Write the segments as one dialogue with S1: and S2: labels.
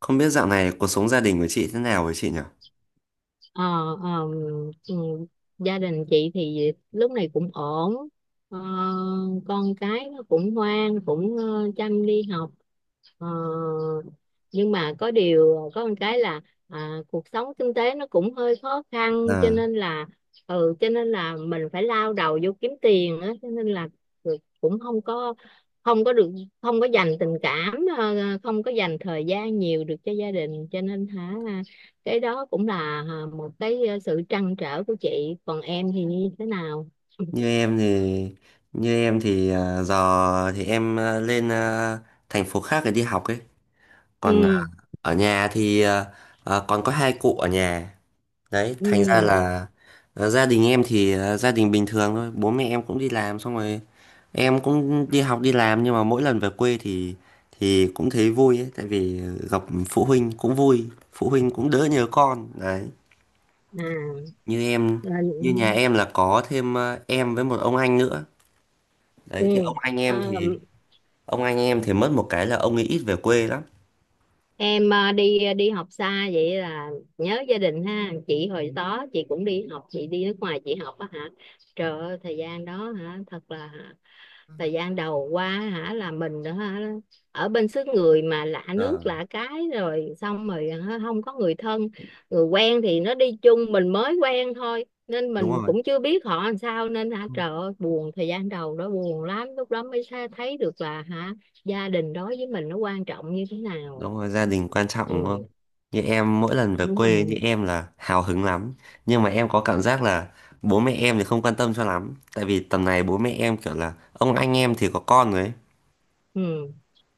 S1: Không biết dạo này cuộc sống gia đình của chị thế nào với chị nhỉ?
S2: Ờ, ờ, ừ, gia đình chị thì lúc này cũng ổn. Ờ, con cái nó cũng ngoan cũng chăm đi học. Ờ, nhưng mà có điều có một cái là cuộc sống kinh tế nó cũng hơi khó khăn, cho
S1: Ờ,
S2: nên là ừ cho nên là mình phải lao đầu vô kiếm tiền á, cho nên là cũng không có được không có dành tình cảm, không có dành thời gian nhiều được cho gia đình, cho nên hả cái đó cũng là một cái sự trăn trở của chị. Còn em thì như thế nào?
S1: như em thì như em thì giờ thì em lên thành phố khác để đi học ấy. Còn
S2: Ừ,
S1: ở nhà thì còn có hai cụ ở nhà. Đấy, thành ra
S2: ừ,
S1: là gia đình em thì gia đình bình thường thôi. Bố mẹ em cũng đi làm xong rồi em cũng đi học đi làm, nhưng mà mỗi lần về quê thì cũng thấy vui ấy, tại vì gặp phụ huynh cũng vui, phụ huynh cũng đỡ nhớ con. Đấy.
S2: à,
S1: như em
S2: ừ.
S1: Như nhà em là có thêm em với một ông anh nữa.
S2: Ừ.
S1: Đấy, thì ông anh
S2: ờ,
S1: em thì mất một cái là ông ấy ít về quê lắm.
S2: em đi học xa vậy là nhớ gia đình ha chị. Hồi đó chị cũng đi học, chị đi nước ngoài chị học á hả. Trời ơi, thời gian đó hả, thật là hả, thời gian đầu qua hả là mình đó hả, ở bên xứ người mà lạ nước
S1: Ờ,
S2: lạ cái, rồi xong rồi hả, không có người thân. Người quen thì nó đi chung mình mới quen thôi, nên
S1: đúng
S2: mình
S1: rồi.
S2: cũng chưa biết họ làm sao, nên hả
S1: Ừ,
S2: trời ơi buồn, thời gian đầu đó buồn lắm, lúc đó mới thấy được là hả gia đình đối với mình nó quan trọng như thế nào.
S1: đúng rồi, gia đình quan trọng đúng không?
S2: Ừ,
S1: Như em, mỗi lần về
S2: đúng
S1: quê như
S2: rồi,
S1: em là hào hứng lắm, nhưng mà em có cảm giác là bố mẹ em thì không quan tâm cho lắm, tại vì tầm này bố mẹ em kiểu là ông anh em thì có con rồi ấy.
S2: ừ.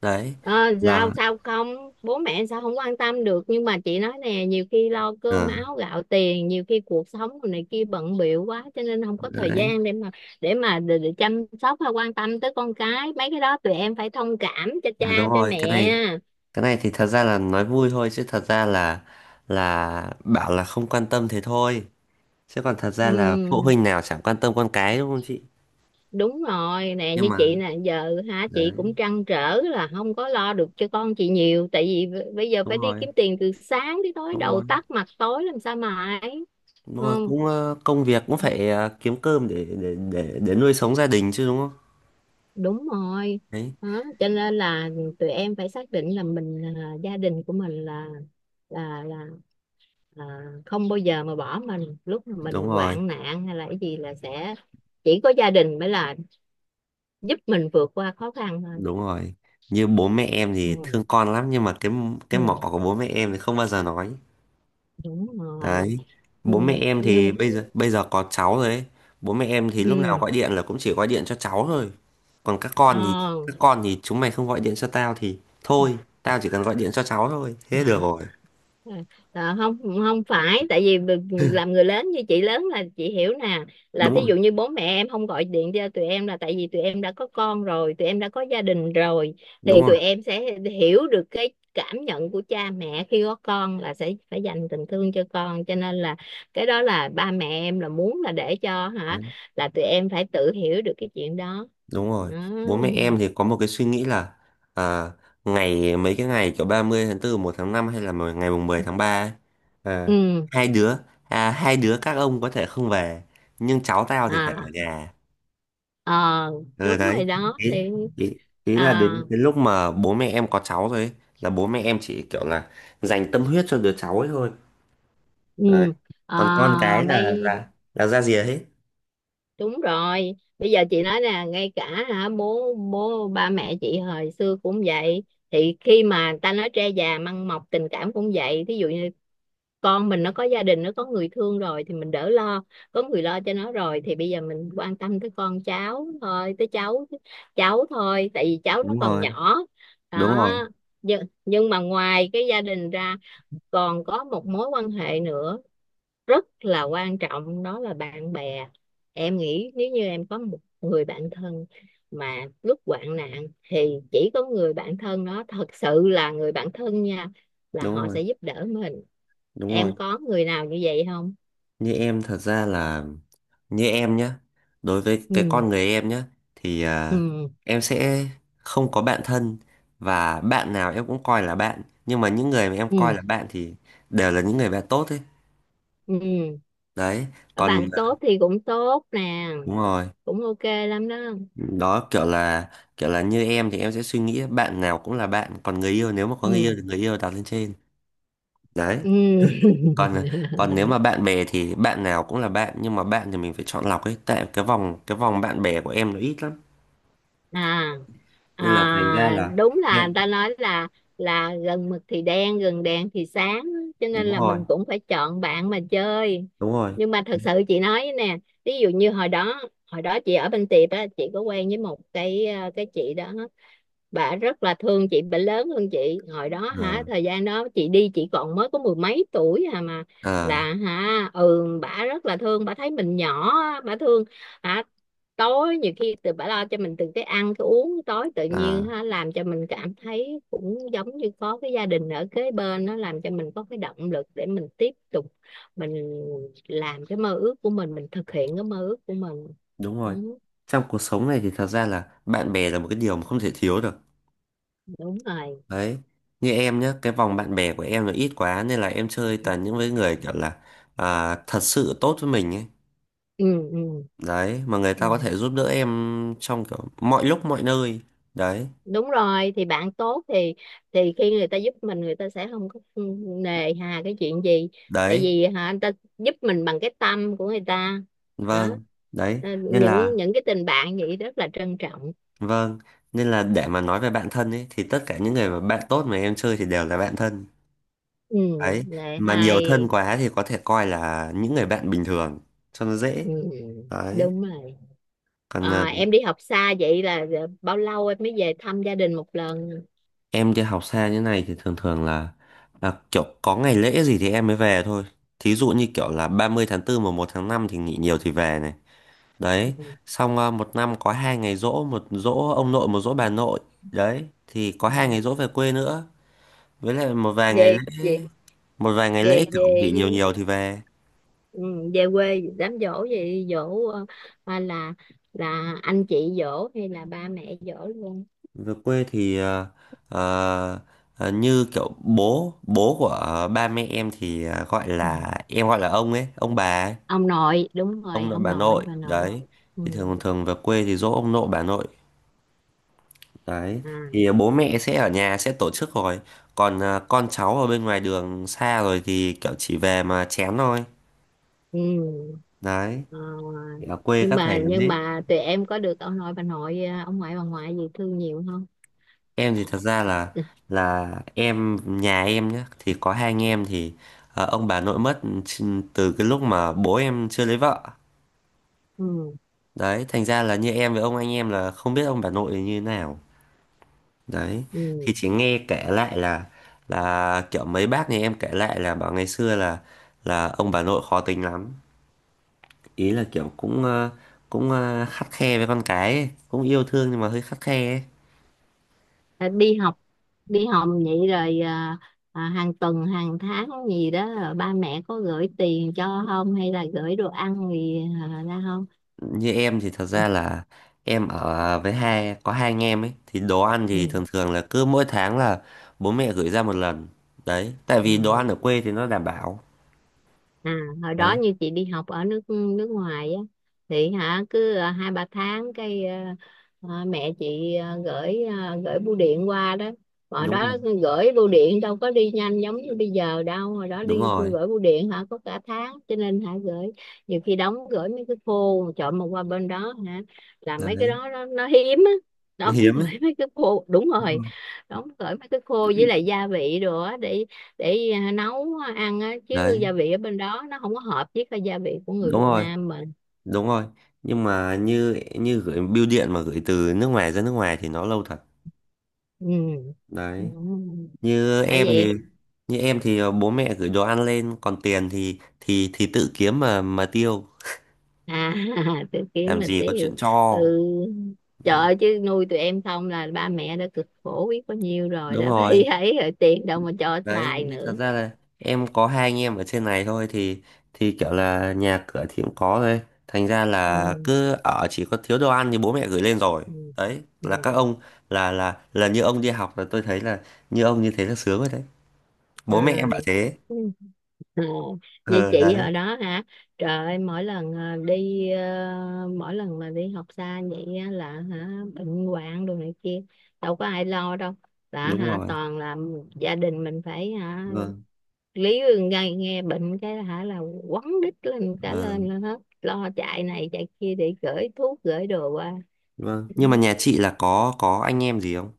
S1: đấy
S2: Ờ, sao
S1: là
S2: sao không, bố mẹ sao không quan tâm được, nhưng mà chị nói nè, nhiều khi lo cơm
S1: ờ,
S2: áo gạo tiền, nhiều khi cuộc sống này kia bận bịu quá cho nên không có thời
S1: đấy
S2: gian để mà để chăm sóc hay quan tâm tới con cái. Mấy cái đó tụi em phải thông cảm cho cha
S1: là đúng
S2: cho
S1: rồi. cái
S2: mẹ.
S1: này cái này thì thật ra là nói vui thôi, chứ thật ra là bảo là không quan tâm thế thôi, chứ còn thật ra là phụ
S2: Ừ,
S1: huynh nào chẳng quan tâm con cái, đúng không chị?
S2: đúng rồi nè,
S1: Nhưng
S2: như
S1: mà
S2: chị nè giờ hả, chị
S1: đấy,
S2: cũng trăn trở là không có lo được cho con chị nhiều, tại vì bây giờ
S1: đúng
S2: phải đi
S1: rồi,
S2: kiếm tiền từ sáng tới tối,
S1: đúng
S2: đầu
S1: rồi,
S2: tắt mặt tối làm sao mà ấy.
S1: đúng rồi,
S2: Không,
S1: cũng công việc cũng phải kiếm cơm để nuôi sống gia đình chứ, đúng không?
S2: đúng rồi
S1: Đấy,
S2: đó, cho nên là tụi em phải xác định là mình, là gia đình của mình là là, là không bao giờ mà bỏ mình lúc mà
S1: đúng
S2: mình
S1: rồi,
S2: hoạn nạn hay là cái gì, là sẽ chỉ có gia đình mới là giúp mình vượt qua khó khăn thôi.
S1: đúng rồi. Như bố mẹ em thì
S2: Ừ.
S1: thương con lắm, nhưng mà cái
S2: Ừ.
S1: cái mỏ của bố mẹ em thì không bao giờ nói.
S2: Đúng rồi.
S1: Đấy.
S2: Ừ.
S1: Bố mẹ em thì
S2: Nhưng
S1: bây giờ có cháu rồi ấy. Bố mẹ em thì lúc nào
S2: ừ.
S1: gọi điện là cũng chỉ gọi điện cho cháu thôi. Còn các con thì
S2: Ờ.
S1: các con thì chúng mày không gọi điện cho tao thì thôi, tao chỉ cần gọi điện cho cháu thôi. Thế được rồi.
S2: À, à, không, không phải, tại vì làm người lớn như chị lớn là chị hiểu nè, là
S1: Đúng
S2: thí
S1: rồi.
S2: dụ như bố mẹ em không gọi điện cho tụi em là tại vì tụi em đã có con rồi, tụi em đã có gia đình rồi, thì
S1: Đúng rồi.
S2: tụi em sẽ hiểu được cái cảm nhận của cha mẹ khi có con là sẽ phải dành tình thương cho con, cho nên là cái đó là ba mẹ em là muốn là để cho hả
S1: Đấy.
S2: là tụi em phải tự hiểu được cái chuyện đó,
S1: Đúng rồi.
S2: đó.
S1: Bố
S2: Ừ.
S1: mẹ em thì có một cái suy nghĩ là à, ngày mấy cái ngày kiểu 30 tháng tư một tháng năm, hay là ngày mùng 10 tháng 3 ấy, à,
S2: Ừ.
S1: hai đứa hai đứa các ông có thể không về, nhưng cháu tao thì phải ở
S2: À,
S1: nhà.
S2: ờ,
S1: Ờ
S2: đúng
S1: đấy,
S2: rồi đó
S1: ý,
S2: thì
S1: ý, ý là
S2: à.
S1: đến đến lúc mà bố mẹ em có cháu rồi ấy, là bố mẹ em chỉ kiểu là dành tâm huyết cho đứa cháu ấy thôi. Đấy.
S2: Ừ. À,
S1: Còn con cái là
S2: bây,
S1: là là ra rìa hết.
S2: đúng rồi bây giờ chị nói nè, ngay cả hả bố bố ba mẹ chị hồi xưa cũng vậy, thì khi mà ta nói tre già măng mọc, tình cảm cũng vậy. Thí dụ như con mình nó có gia đình, nó có người thương rồi thì mình đỡ lo, có người lo cho nó rồi thì bây giờ mình quan tâm tới con cháu thôi, tới cháu cháu thôi, tại vì cháu nó
S1: Đúng
S2: còn
S1: rồi,
S2: nhỏ.
S1: đúng
S2: Đó.
S1: rồi,
S2: Nhưng mà ngoài cái gia đình ra còn có một mối quan hệ nữa rất là quan trọng, đó là bạn bè. Em nghĩ nếu như em có một người bạn thân mà lúc hoạn nạn thì chỉ có người bạn thân đó, thật sự là người bạn thân nha, là
S1: đúng
S2: họ
S1: rồi,
S2: sẽ giúp đỡ mình.
S1: đúng rồi.
S2: Em có người nào như vậy không?
S1: Như em thật ra là, như em nhá, đối với cái
S2: Ừ,
S1: con người em nhá, thì
S2: ừ,
S1: em sẽ không có bạn thân. Và bạn nào em cũng coi là bạn, nhưng mà những người mà em coi
S2: ừ,
S1: là bạn thì đều là những người bạn tốt ấy.
S2: ừ,
S1: Đấy, còn
S2: bạn tốt thì cũng tốt nè,
S1: đúng rồi.
S2: cũng ok lắm đó.
S1: Đó kiểu là như em thì em sẽ suy nghĩ bạn nào cũng là bạn, còn người yêu, nếu mà có người yêu thì
S2: Ừ.
S1: người yêu đặt lên trên. Đấy,
S2: Ừ.
S1: còn còn nếu mà bạn bè thì bạn nào cũng là bạn, nhưng mà bạn thì mình phải chọn lọc ấy, tại cái vòng bạn bè của em nó ít lắm,
S2: À.
S1: nên là thành ra
S2: À,
S1: là
S2: đúng là người
S1: em
S2: ta nói là gần mực thì đen, gần đèn thì sáng, cho nên
S1: đúng
S2: là
S1: rồi,
S2: mình cũng phải chọn bạn mà chơi.
S1: đúng rồi,
S2: Nhưng mà thật sự chị nói với nè, ví dụ như hồi đó, hồi đó chị ở bên Tiệp á, chị có quen với một cái cái chị đó, bà rất là thương chị, bà lớn hơn chị, hồi đó
S1: ờ
S2: hả thời gian đó chị đi chị còn mới có mười mấy tuổi à, mà
S1: ờ
S2: là hả ừ bà rất là thương, bà thấy mình nhỏ á, bà thương hả, tối nhiều khi từ bà lo cho mình từ cái ăn cái uống tối tự
S1: ờ,
S2: nhiên ha, làm cho mình cảm thấy cũng giống như có cái gia đình ở kế bên, nó làm cho mình có cái động lực để mình tiếp tục mình làm cái mơ ước của mình thực hiện cái mơ ước của mình.
S1: đúng rồi.
S2: Ừ,
S1: Trong cuộc sống này thì thật ra là bạn bè là một cái điều mà không thể thiếu được.
S2: đúng rồi.
S1: Đấy, như em nhá, cái vòng bạn bè của em nó ít quá nên là em chơi toàn những với người kiểu là thật sự tốt với mình ấy.
S2: Ừ, ừ,
S1: Đấy, mà người ta có
S2: ừ.
S1: thể giúp đỡ em trong kiểu mọi lúc mọi nơi. Đấy,
S2: Đúng rồi thì bạn tốt thì khi người ta giúp mình, người ta sẽ không có nề hà cái chuyện gì, tại
S1: đấy,
S2: vì hả anh ta giúp mình bằng cái tâm của người ta. Đó.
S1: vâng, đấy.
S2: Ờ,
S1: Nên là,
S2: những cái tình bạn vậy rất là trân trọng.
S1: vâng, nên là để mà nói về bạn thân ấy thì tất cả những người mà bạn tốt mà em chơi thì đều là bạn thân.
S2: Ừ,
S1: Đấy,
S2: lệ
S1: mà nhiều thân
S2: hay.
S1: quá thì có thể coi là những người bạn bình thường cho nó dễ.
S2: Ừ,
S1: Đấy,
S2: đúng rồi.
S1: còn
S2: Ờ, em đi học xa vậy là bao lâu em mới về thăm gia đình một lần?
S1: Em đi học xa như này thì thường thường là kiểu có ngày lễ gì thì em mới về thôi. Thí dụ như kiểu là 30 tháng 4 và 1 tháng 5 thì nghỉ nhiều thì về này. Đấy,
S2: Ừ.
S1: xong một năm có hai ngày giỗ, một giỗ ông nội, một giỗ bà nội. Đấy, thì có
S2: Ừ.
S1: hai ngày giỗ về quê nữa. Với lại một vài ngày lễ,
S2: về về về
S1: kiểu
S2: về
S1: nghỉ nhiều nhiều thì về.
S2: ừ, về quê đám giỗ gì giỗ là anh chị giỗ hay là ba mẹ giỗ luôn?
S1: Về quê thì ờ, như kiểu bố của ba mẹ em thì gọi
S2: Ừ.
S1: là, em gọi là ông ấy, ông bà ấy.
S2: Ông nội đúng
S1: Ông
S2: rồi,
S1: nội
S2: ông
S1: bà
S2: nội
S1: nội
S2: bà nội.
S1: đấy,
S2: Ừ.
S1: thì thường thường về quê thì dỗ ông nội bà nội. Đấy,
S2: À.
S1: thì bố mẹ sẽ ở nhà sẽ tổ chức rồi, còn con cháu ở bên ngoài đường xa rồi thì kiểu chỉ về mà chén thôi.
S2: Ừ.
S1: Đấy,
S2: Ờ,
S1: thì ở quê các thầy làm
S2: nhưng
S1: hết.
S2: mà tụi em có được ông nội bà nội ông ngoại bà ngoại gì thương nhiều không?
S1: Em thì
S2: À.
S1: thật ra là nhà em nhá, thì có hai anh em thì ông bà nội mất từ cái lúc mà bố em chưa lấy vợ.
S2: Ừ.
S1: Đấy, thành ra là như em với ông anh em là không biết ông bà nội như thế nào. Đấy, thì
S2: Ừ.
S1: chị nghe kể lại là kiểu mấy bác nhà em kể lại là bảo ngày xưa là ông bà nội khó tính lắm. Ý là kiểu cũng khắt khe với con cái ấy, cũng yêu thương nhưng mà hơi khắt khe ấy.
S2: Ờ, đi học vậy rồi hàng tuần hàng tháng gì đó ba mẹ có gửi tiền cho không hay là gửi đồ ăn gì ra không?
S1: Như em thì thật
S2: Ừ.
S1: ra là em ở với hai có hai anh em ấy, thì đồ ăn thì
S2: Ừ.
S1: thường thường là cứ mỗi tháng là bố mẹ gửi ra một lần. Đấy, tại
S2: À,
S1: vì đồ ăn ở quê thì nó đảm bảo.
S2: à, hồi đó
S1: Đấy,
S2: như chị đi học ở nước nước ngoài á, thì hả cứ hai ba tháng cái mẹ chị gửi bưu điện qua đó. Hồi
S1: đúng rồi,
S2: đó gửi bưu điện đâu có đi nhanh giống như bây giờ đâu, hồi đó
S1: đúng
S2: đi
S1: rồi.
S2: gửi bưu điện hả có cả tháng, cho nên hả gửi nhiều khi đóng gửi mấy cái phô chọn mà qua bên đó hả là mấy cái
S1: Đấy,
S2: đó nó hiếm á.
S1: nó
S2: Đóng
S1: hiếm ấy.
S2: gửi mấy cái phô, đúng
S1: Đúng rồi.
S2: rồi, đóng gửi mấy cái khô với lại gia vị đồ á, để nấu ăn á, chứ
S1: Đấy,
S2: gia vị ở bên đó nó không có hợp với cái gia vị của người
S1: đúng
S2: Việt
S1: rồi.
S2: Nam mình.
S1: Đúng rồi, nhưng mà như như gửi bưu điện mà gửi từ nước ngoài ra nước ngoài thì nó lâu thật.
S2: Ừ. Ừ.
S1: Đấy, như
S2: Phải
S1: em
S2: vậy.
S1: thì như em thì bố mẹ gửi đồ ăn lên, còn tiền thì tự kiếm mà tiêu,
S2: À tôi kiếm
S1: làm
S2: mà
S1: gì có
S2: tiêu.
S1: chuyện cho.
S2: Ừ, trời
S1: Đấy,
S2: ơi, chứ nuôi tụi em xong là ba mẹ đã cực khổ biết bao nhiêu rồi,
S1: đúng
S2: đã phải
S1: rồi.
S2: ấy rồi tiền đâu mà cho
S1: Đấy,
S2: xài
S1: nhưng
S2: nữa.
S1: thật ra là em có hai anh em ở trên này thôi, thì kiểu là nhà cửa thì cũng có thôi. Thành ra
S2: Ừ.
S1: là cứ ở, chỉ có thiếu đồ ăn thì bố mẹ gửi lên rồi.
S2: Ừ.
S1: Đấy,
S2: Ừ.
S1: là các ông là như ông đi học là tôi thấy là như ông như thế là sướng rồi. Đấy, bố mẹ
S2: À.
S1: em bảo thế.
S2: Ừ. Ồ, vậy
S1: Ờ
S2: chị
S1: đấy,
S2: hồi đó hả? Trời ơi, mỗi lần mỗi lần mà đi học xa vậy á là hả bệnh hoạn đồ này kia, đâu có ai lo đâu. Là
S1: đúng
S2: hả
S1: rồi,
S2: toàn là gia đình mình phải hả
S1: vâng,
S2: lý nghe nghe bệnh cái hả là quấn đít lên cả
S1: vâng,
S2: lên hết, lo chạy này chạy kia để gửi thuốc gửi đồ qua.
S1: vâng,
S2: Ừ.
S1: nhưng mà nhà chị là có anh em gì không?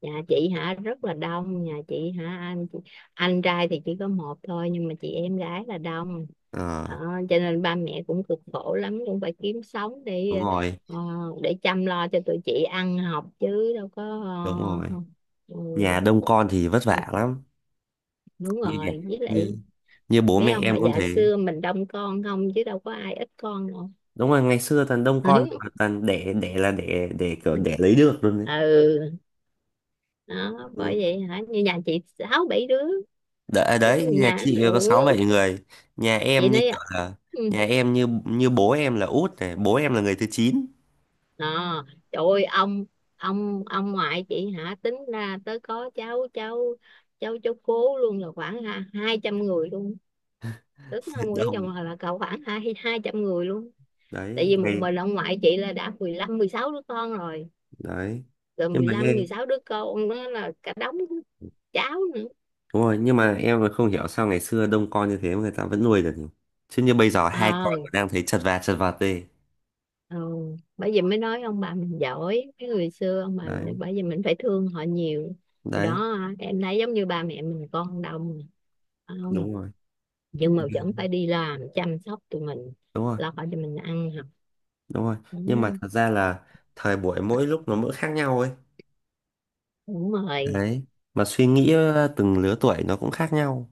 S2: Nhà chị hả rất là đông, nhà chị hả anh chị, anh trai thì chỉ có một thôi, nhưng mà chị em gái là đông.
S1: Ờ,
S2: Ờ, cho nên ba mẹ cũng cực khổ lắm, cũng phải kiếm sống
S1: đúng
S2: để
S1: rồi,
S2: ờ, để chăm lo cho tụi chị ăn học, chứ đâu có
S1: đúng rồi,
S2: ờ, ừ,
S1: nhà đông con thì vất
S2: ừ,
S1: vả lắm.
S2: đúng
S1: như nhà-
S2: rồi với lại
S1: như như bố
S2: mấy
S1: mẹ
S2: ông bà
S1: em cũng
S2: già
S1: thế.
S2: xưa mình đông con không, chứ đâu có ai ít con đâu.
S1: Đúng rồi, ngày xưa toàn đông con mà toàn đẻ đẻ là đẻ đẻ kiểu đẻ lấy được luôn. Đấy.
S2: Ừ, đó bởi
S1: Ừ.
S2: vậy hả, như nhà chị sáu bảy đứa.
S1: Đấy,
S2: Ừ,
S1: đấy, nhà
S2: nhà
S1: chị có
S2: ừ.
S1: sáu bảy người, nhà
S2: Chị
S1: em như
S2: nói
S1: kiểu là
S2: ừ,
S1: nhà em như như bố em là út này, bố em là người thứ chín.
S2: à, trời ơi ông ngoại chị hả tính ra tới có cháu cháu cháu cháu cố luôn là khoảng 200 người luôn, tức là Nguyễn
S1: Đông.
S2: Trọng Hòa là cậu khoảng hai 200 người luôn, tại
S1: Đấy,
S2: vì một
S1: ngày.
S2: mình ông ngoại chị là đã 15 16 đứa con rồi.
S1: Đấy,
S2: Rồi
S1: nhưng
S2: mười
S1: mà
S2: lăm
S1: em
S2: 16 đứa con đó là cả đống cháu nữa.
S1: Đúng rồi, nhưng mà em là không hiểu sao ngày xưa đông con như thế mà người ta vẫn nuôi được nhỉ? Chứ như bây giờ hai con
S2: Ờ,
S1: còn đang thấy chật vật đi.
S2: ừ. Bởi vì mới nói ông bà mình giỏi, cái người xưa ông bà mình
S1: Đấy,
S2: bởi vì mình phải thương họ nhiều. Hồi
S1: đấy,
S2: đó em thấy giống như ba mẹ mình con đông, phải không,
S1: đúng rồi,
S2: nhưng mà vẫn phải đi làm chăm sóc tụi mình,
S1: đúng rồi,
S2: lo khỏi cho mình ăn học.
S1: đúng rồi. Nhưng mà
S2: Ừ,
S1: thật ra là thời buổi mỗi lúc nó mỗi khác nhau ấy.
S2: đúng rồi.
S1: Đấy, mà suy nghĩ từng lứa tuổi nó cũng khác nhau.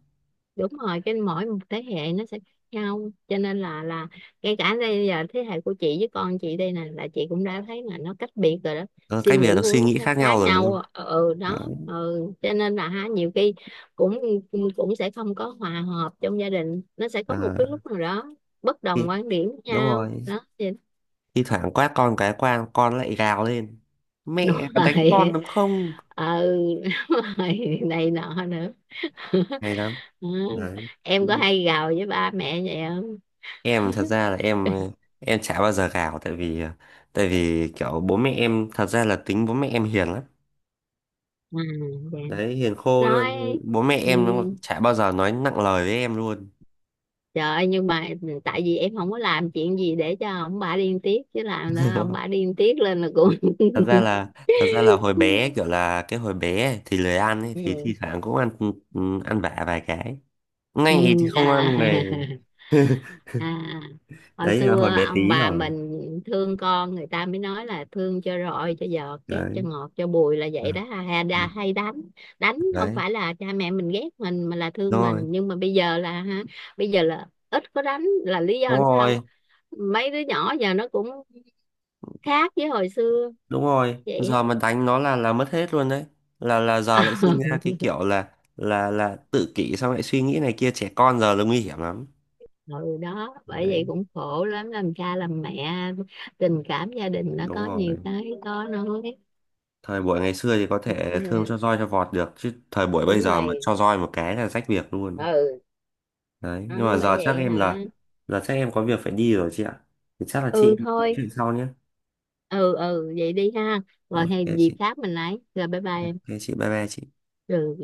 S2: Đúng rồi, cái mỗi một thế hệ nó sẽ khác nhau, cho nên là ngay cả đây giờ thế hệ của chị với con chị đây nè, là chị cũng đã thấy là nó cách biệt rồi đó.
S1: Ờ,
S2: Suy
S1: cách biệt
S2: nghĩ
S1: nó suy
S2: cũng
S1: nghĩ
S2: khá,
S1: khác
S2: khá
S1: nhau rồi đúng
S2: nhau,
S1: không?
S2: ừ ừ,
S1: Đấy,
S2: đó ừ, cho nên là ha nhiều khi cũng cũng sẽ không có hòa hợp, trong gia đình nó sẽ có một
S1: à,
S2: cái lúc nào đó bất đồng
S1: khi-
S2: quan điểm với
S1: đúng
S2: nhau
S1: rồi.
S2: đó thì
S1: Thi thoảng quát con cái quan con lại gào lên.
S2: đúng
S1: Mẹ đánh con
S2: rồi.
S1: đúng không?
S2: Ừ đúng rồi này nọ nữa.
S1: Hay lắm.
S2: Ừ.
S1: Đấy.
S2: Em có hay gào với ba mẹ vậy không?
S1: Em thật ra là em ờ, em chả bao giờ gào, tại vì kiểu bố mẹ em, thật ra là tính bố mẹ em hiền lắm.
S2: À,
S1: Đấy, hiền khô
S2: dạ.
S1: luôn,
S2: Nói
S1: bố mẹ
S2: ừ,
S1: em nó chả bao giờ nói nặng lời với em luôn.
S2: trời ơi, nhưng mà tại vì em không có làm chuyện gì để cho ông bà điên tiết, chứ làm nữa ông bà điên tiết lên là cũng
S1: Thật ra là hồi bé kiểu là cái hồi bé ấy thì lười ăn ấy, thì thi
S2: ừ.
S1: thoảng cũng ăn, ăn vạ vài cái
S2: Ừ.
S1: ngay thì không
S2: À.
S1: ăn này.
S2: À, hồi
S1: Đấy là hồi
S2: xưa
S1: bé
S2: ông
S1: tí
S2: bà
S1: rồi.
S2: mình thương con, người ta mới nói là thương cho roi cho giọt, ghét cho
S1: Đấy.
S2: ngọt cho bùi là vậy
S1: À,
S2: đó, hay, hay đánh. Đánh không
S1: đấy,
S2: phải là cha mẹ mình ghét mình mà là
S1: đúng
S2: thương
S1: rồi,
S2: mình. Nhưng mà bây giờ là ha bây giờ là ít có đánh, là lý do
S1: đúng
S2: làm sao?
S1: rồi,
S2: Mấy đứa nhỏ giờ nó cũng khác với hồi xưa.
S1: đúng rồi,
S2: Vậy
S1: giờ mà đánh nó là mất hết luôn. Đấy, là giờ lại
S2: á.
S1: sinh ra cái kiểu là tự kỷ, xong lại suy nghĩ này kia, trẻ con giờ là nguy hiểm lắm.
S2: Ừ, đó bởi vậy
S1: Đấy,
S2: cũng khổ lắm làm cha làm mẹ, tình cảm gia đình nó
S1: đúng
S2: có nhiều
S1: rồi.
S2: cái khó nói.
S1: Thời buổi ngày xưa thì có
S2: Ừ, ừ,
S1: thể thương cho roi cho vọt được, chứ thời buổi bây
S2: đúng
S1: giờ mà
S2: rồi.
S1: cho roi một cái là rách việc luôn.
S2: Ừ,
S1: Đấy,
S2: đó,
S1: nhưng mà
S2: bởi
S1: giờ
S2: vậy hả.
S1: chắc em có việc phải đi rồi chị ạ, thì chắc là chị
S2: Ừ
S1: em nói
S2: thôi,
S1: chuyện sau nhé.
S2: ừ ừ vậy đi ha, rồi hay
S1: OK
S2: dịp
S1: chị.
S2: khác mình lấy, rồi bye bye em.
S1: OK chị, bye bye chị.
S2: Ừ.